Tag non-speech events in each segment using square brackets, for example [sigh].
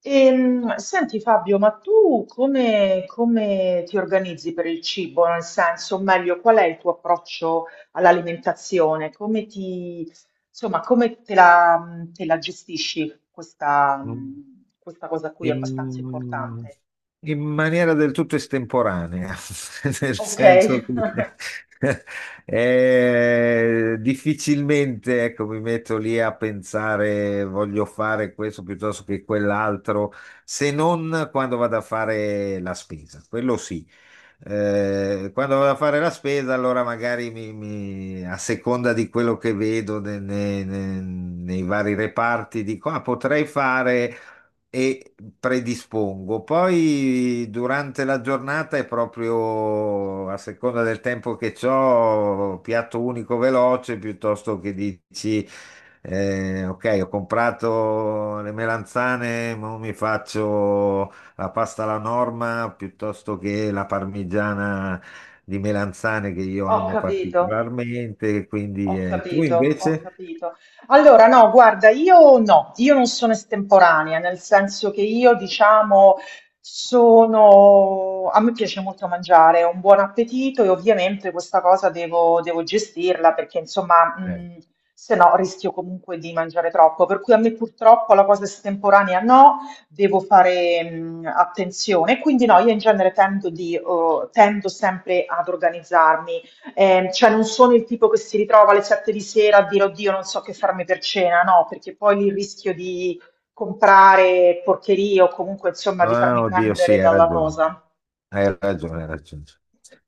Senti Fabio, ma tu come ti organizzi per il cibo? Nel senso, o meglio, qual è il tuo approccio all'alimentazione? Come te la gestisci questa, In, questa cosa qui è abbastanza importante. in maniera del tutto estemporanea, [laughs] nel Ok, senso che [laughs] difficilmente, ecco, mi metto lì a pensare voglio fare questo piuttosto che quell'altro, se non quando vado a fare la spesa, quello sì. Quando vado a fare la spesa, allora magari a seconda di quello che vedo nei vari reparti, dico, ah, potrei fare e predispongo. Poi durante la giornata è proprio a seconda del tempo che ho, piatto unico veloce piuttosto che dici ok, ho comprato le melanzane, ma mi faccio la pasta alla norma piuttosto che la parmigiana di melanzane che io [laughs] ho amo capito. particolarmente, quindi Ho tu capito, ho invece? capito. Allora, no, guarda, io no, io non sono estemporanea, nel senso che io, diciamo, sono... A me piace molto mangiare, ho un buon appetito e ovviamente questa cosa devo gestirla perché, insomma, Eh. Se no rischio comunque di mangiare troppo. Per cui a me purtroppo la cosa estemporanea no, devo fare, attenzione. Quindi no, io in genere tendo sempre ad organizzarmi. Cioè non sono il tipo che si ritrova alle 7 di sera a dire oddio non so che farmi per cena, no, perché poi lì rischio di comprare porcherie o comunque insomma di Ah, farmi oddio, prendere sì, hai dalla ragione. cosa. Hai ragione, hai ragione.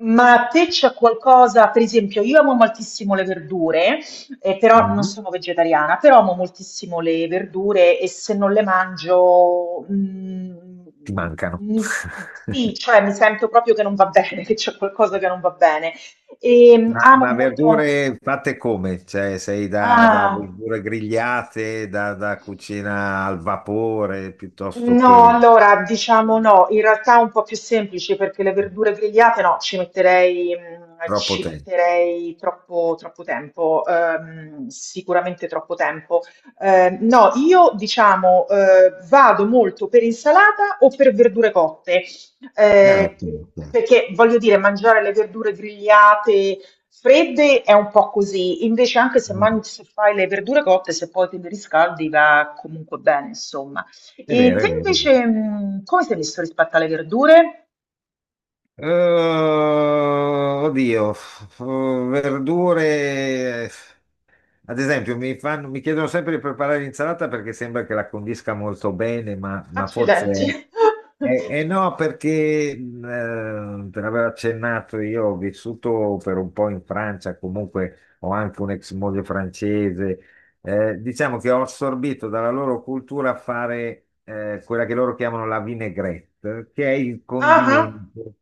Ma a te c'è qualcosa? Per esempio, io amo moltissimo le verdure, però non Mm. sono vegetariana, però amo moltissimo le verdure e se non le mangio, Ti mancano. mi- sì, [laughs] cioè mi sento proprio che non va bene, [laughs] che c'è qualcosa che non va bene. E Ma, amo ma molto. verdure fatte come? Cioè, sei da, da Ah, verdure grigliate, da cucina al vapore, piuttosto no, che allora diciamo no, in realtà è un po' più semplice perché le verdure grigliate no, troppo ci tempo. metterei troppo tempo, sicuramente troppo tempo. No, io diciamo, vado molto per insalata o per verdure cotte, Ok, ok. perché voglio dire, mangiare le verdure grigliate fredde è un po' così, invece anche se, Mm. mangi, se fai le verdure cotte, se poi te le riscaldi va comunque bene, insomma. È E vero, è te vero. invece, come sei messo rispetto alle verdure? Oddio, verdure. Ad esempio, mi chiedono sempre di preparare l'insalata perché sembra che la condisca molto bene, ma Accidenti. forse è. E [laughs] no, perché te l'avevo accennato, io ho vissuto per un po' in Francia, comunque ho anche un'ex moglie francese, diciamo che ho assorbito dalla loro cultura fare quella che loro chiamano la vinaigrette, che è il Ah, ah. condimento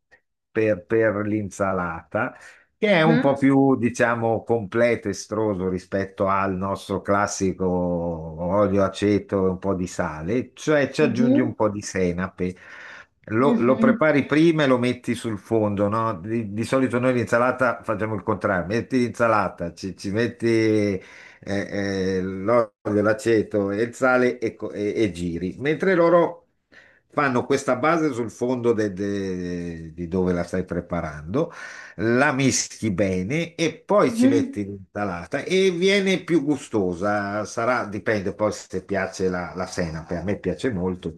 per l'insalata, che è un po' Mhm, più, diciamo, completo, estroso rispetto al nostro classico olio, aceto e un po' di sale, cioè ci aggiungi mhm, un po' di senape. Lo mhm, prepari prima e lo metti sul fondo, no? Di solito noi l'insalata facciamo il contrario, metti l'insalata, ci metti l'olio, l'aceto e il sale e, e giri, mentre loro fanno questa base sul fondo di dove la stai preparando, la mischi bene e poi ci metti mhm. l'insalata e viene più gustosa, sarà, dipende poi se piace la, la senape, a me piace molto.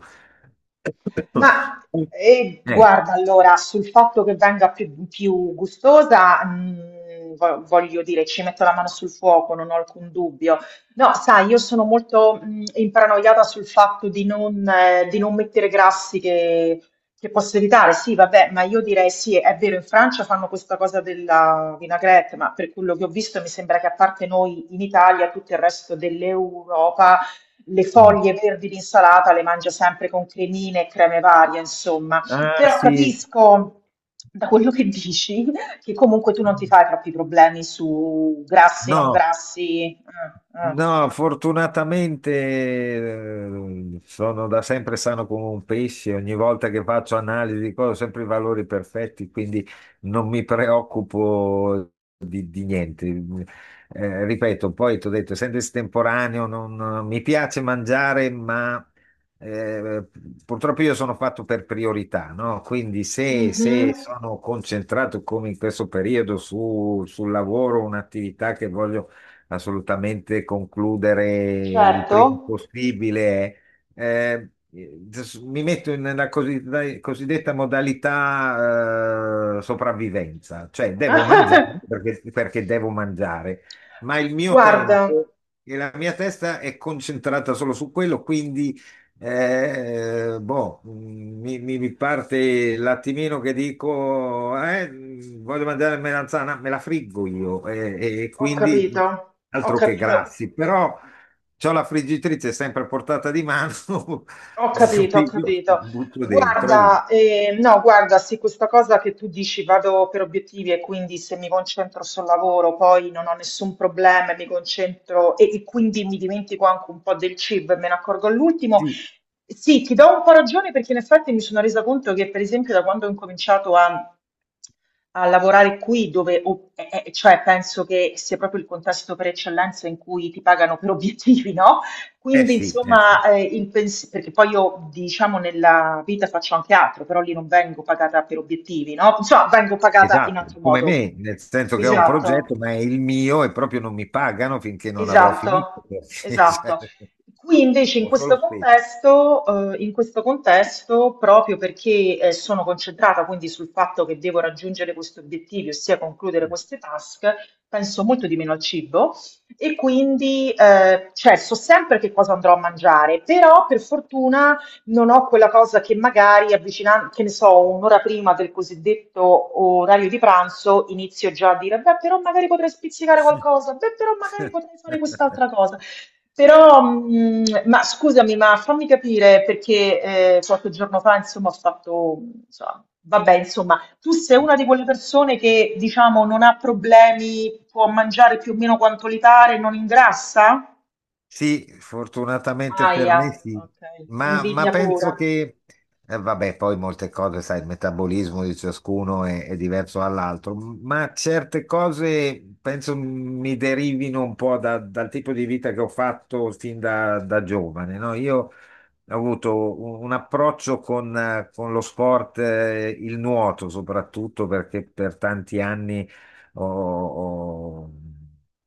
[coughs] Ma Eh, guarda, allora, sul fatto che venga più gustosa, voglio dire, ci metto la mano sul fuoco, non ho alcun dubbio. No, sai, io sono molto imparanoiata sul fatto di non mettere grassi che posso evitare. Sì, vabbè, ma io direi sì, è vero, in Francia fanno questa cosa della vinaigrette, ma per quello che ho visto mi sembra che a parte noi in Italia, tutto il resto dell'Europa le mm. foglie verdi di insalata le mangia sempre con cremine e creme varie, insomma. Ah Però sì, capisco da quello che dici che comunque tu non ti fai troppi problemi su grassi, non no. grassi. Mm, No, fortunatamente sono da sempre sano come un pesce, ogni volta che faccio analisi di cose ho sempre i valori perfetti, quindi non mi preoccupo di niente. Ripeto, poi ti ho detto, essendo estemporaneo, non, mi piace mangiare, ma eh, purtroppo io sono fatto per priorità, no? Quindi mm. se, Mhm. se sono concentrato come in questo periodo su, sul lavoro, un'attività che voglio assolutamente concludere il prima Certo. possibile. Mi metto in una cosiddetta modalità sopravvivenza, cioè devo mangiare [laughs] perché, perché devo mangiare, ma il mio Guarda, tempo e la mia testa è concentrata solo su quello, quindi mi parte l'attimino che dico, voglio mangiare melanzana, me la friggo io, e ho capito, quindi ho altro che capito. grassi, però c'ho la friggitrice sempre a portata di mano, Ho [laughs] capito, ho quindi io capito. butto dentro e via. Guarda, no, guarda, sì, questa cosa che tu dici vado per obiettivi e quindi se mi concentro sul lavoro poi non ho nessun problema, e mi concentro e quindi mi dimentico anche un po' del cibo e me ne accorgo all'ultimo. Sì, Sì, ti do un po' ragione perché in effetti mi sono resa conto che per esempio da quando ho incominciato a lavorare qui, cioè penso che sia proprio il contesto per eccellenza in cui ti pagano per obiettivi, no? Quindi sì, eh sì, insomma, il pens perché poi io diciamo nella vita faccio anche altro, però lì non vengo pagata per obiettivi, no, insomma vengo pagata in esatto, altro come modo. me, nel senso che ho un Esatto. progetto, ma è il mio e proprio non mi pagano finché non avrò finito, Esatto, perché [laughs] cioè, esatto. Qui invece in ho solo questo spese. contesto, proprio perché sono concentrata quindi sul fatto che devo raggiungere questi obiettivi, ossia concludere queste task, penso molto di meno al cibo e quindi cioè, so sempre che cosa andrò a mangiare, però per fortuna non ho quella cosa che magari che ne so, un'ora prima del cosiddetto orario di pranzo inizio già a dire, beh, però magari potrei spizzicare qualcosa, beh, però magari potrei fare quest'altra cosa. Però, ma scusami, ma fammi capire perché qualche giorno fa, insomma, ho fatto, insomma, vabbè, insomma, tu sei Eh. una [laughs] di quelle persone che, diciamo, non ha problemi, può mangiare più o meno quanto gli pare, non ingrassa? Sì, fortunatamente per Aia, me sì, ok, ma invidia pura. penso che, vabbè, poi molte cose, sai, il metabolismo di ciascuno è diverso dall'altro, ma certe cose penso mi derivino un po' dal tipo di vita che ho fatto fin da, da giovane, no? Io ha avuto un approccio con lo sport, il nuoto soprattutto perché per tanti anni ho, ho-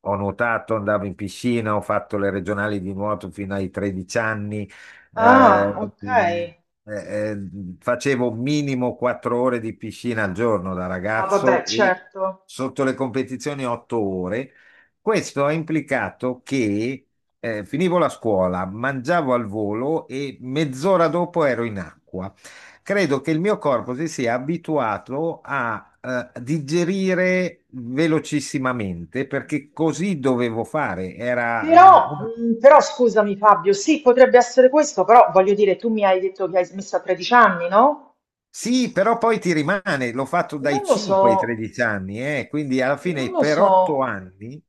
ho nuotato, andavo in piscina, ho fatto le regionali di nuoto fino ai 13 anni, Ah, eh, ok. mm, eh, eh, facevo minimo 4 ore di piscina al giorno da Ah, vabbè, ragazzo e certo. sotto le competizioni 8 ore. Questo ha implicato che finivo la scuola, mangiavo al volo e mezz'ora dopo ero in acqua. Credo che il mio corpo si sia abituato a digerire velocissimamente perché così dovevo fare. Era Però, una. Però scusami Fabio, sì, potrebbe essere questo, però voglio dire, tu mi hai detto che hai smesso a 13 anni, no? Sì, però poi ti rimane, l'ho fatto Non dai lo so, 5 ai 13 anni, quindi alla non fine lo per so, 8 anni,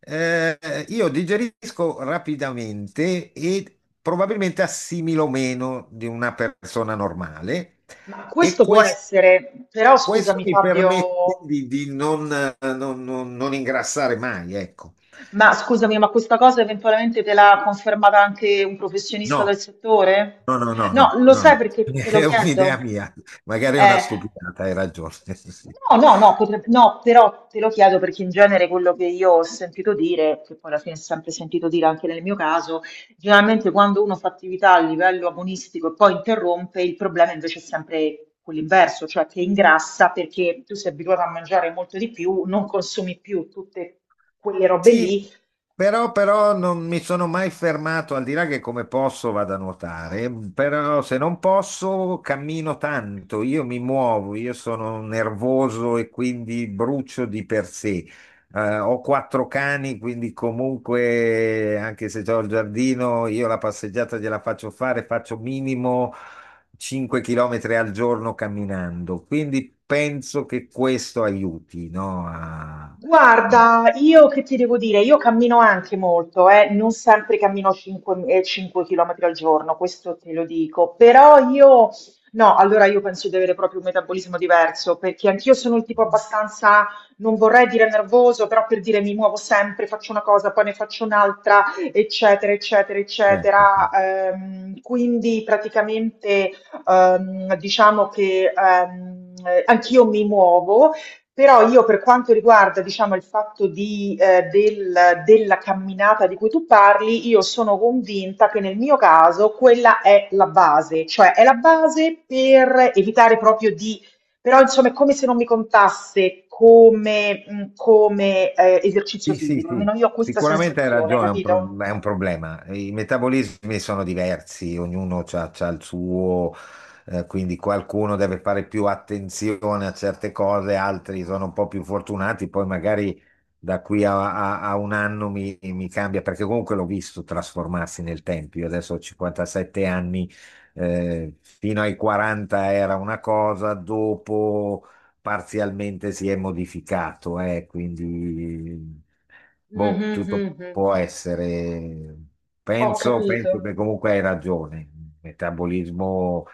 eh, io digerisco rapidamente e probabilmente assimilo meno di una persona normale ma e questo può essere, però questo scusami mi permette Fabio, di non, non ingrassare mai, ecco. ma scusami, ma questa cosa eventualmente te l'ha confermata anche un professionista del No, settore? no, no, no, No, no, lo no. sai perché [laughs] te lo È un'idea chiedo? mia, magari è una Eh, stupidata, hai ragione. [laughs] Sì. No, no, no, potrebbe- no, però te lo chiedo perché in genere quello che io ho sentito dire, che poi alla fine ho sempre sentito dire anche nel mio caso, generalmente quando uno fa attività a livello agonistico e poi interrompe, il problema invece è sempre quell'inverso, cioè che ingrassa perché tu sei abituato a mangiare molto di più, non consumi più tutte quelle robe Sì, lì. però, però non mi sono mai fermato, al di là che come posso vado a nuotare, però se non posso cammino tanto, io mi muovo, io sono nervoso e quindi brucio di per sé. Ho quattro cani, quindi comunque anche se ho il giardino, io la passeggiata gliela faccio fare, faccio minimo 5 km al giorno camminando, quindi penso che questo aiuti, no? A- Guarda, io che ti devo dire, io cammino anche molto, non sempre cammino 5 km al giorno, questo te lo dico, però io, no, allora io penso di avere proprio un metabolismo diverso, perché anch'io sono il tipo abbastanza, non vorrei dire nervoso, però per dire mi muovo sempre, faccio una cosa, poi ne faccio un'altra, eccetera, eccetera, Ecco. eccetera. Quindi praticamente diciamo che anch'io mi muovo. Però io per quanto riguarda, diciamo, il fatto della camminata di cui tu parli, io sono convinta che nel mio caso quella è la base, cioè è la base per evitare proprio di, però insomma è come se non mi contasse come, esercizio Sì, sì, fisico, almeno sì, io ho questa sicuramente hai sensazione, ragione, è un, capito? è un problema. I metabolismi sono diversi, ognuno ha il suo, quindi qualcuno deve fare più attenzione a certe cose, altri sono un po' più fortunati, poi magari da qui a, a un anno mi cambia, perché comunque l'ho visto trasformarsi nel tempo. Io adesso ho 57 anni, fino ai 40 era una cosa, dopo parzialmente si è modificato, quindi boh, Mhm, tutto mhm. può essere. Ho Penso, capito. penso che comunque hai ragione. Il metabolismo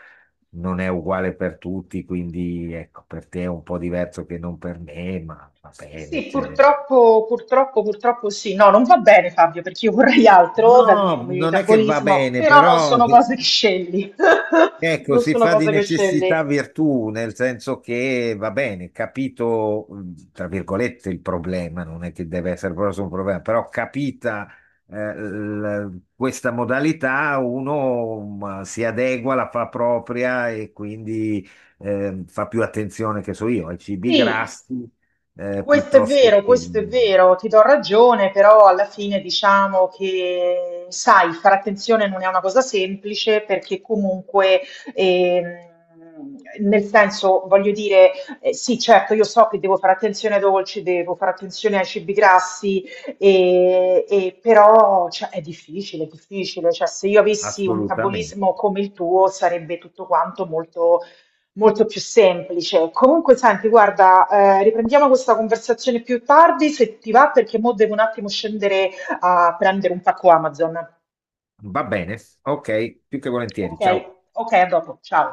non è uguale per tutti, quindi ecco, per te è un po' diverso che non per me, ma va bene. Sì, Cioè. purtroppo, purtroppo, purtroppo sì. No, non va bene Fabio, perché io vorrei altro dal mio No, non è che va metabolismo, bene, però non però. sono cose che scegli. [laughs] Ecco, Non si sono fa di cose che scegli. necessità virtù, nel senso che va bene, capito, tra virgolette, il problema, non è che deve essere proprio solo un problema, però capita questa modalità, uno si adegua, la fa propria e quindi fa più attenzione, che so io, ai cibi Sì, grassi, piuttosto che questo è vero, ti do ragione, però alla fine diciamo che, sai, fare attenzione non è una cosa semplice perché comunque, ehm, voglio dire, sì, certo, io so che devo fare attenzione ai dolci, devo fare attenzione ai cibi grassi, e però cioè, è difficile, cioè se io avessi un assolutamente. metabolismo come il tuo sarebbe tutto quanto molto molto più semplice. Comunque, senti, guarda, riprendiamo questa conversazione più tardi se ti va, perché mo devo un attimo scendere a prendere un pacco Amazon. Va bene, ok, più che volentieri, Ok, ciao. ok, a dopo, ciao.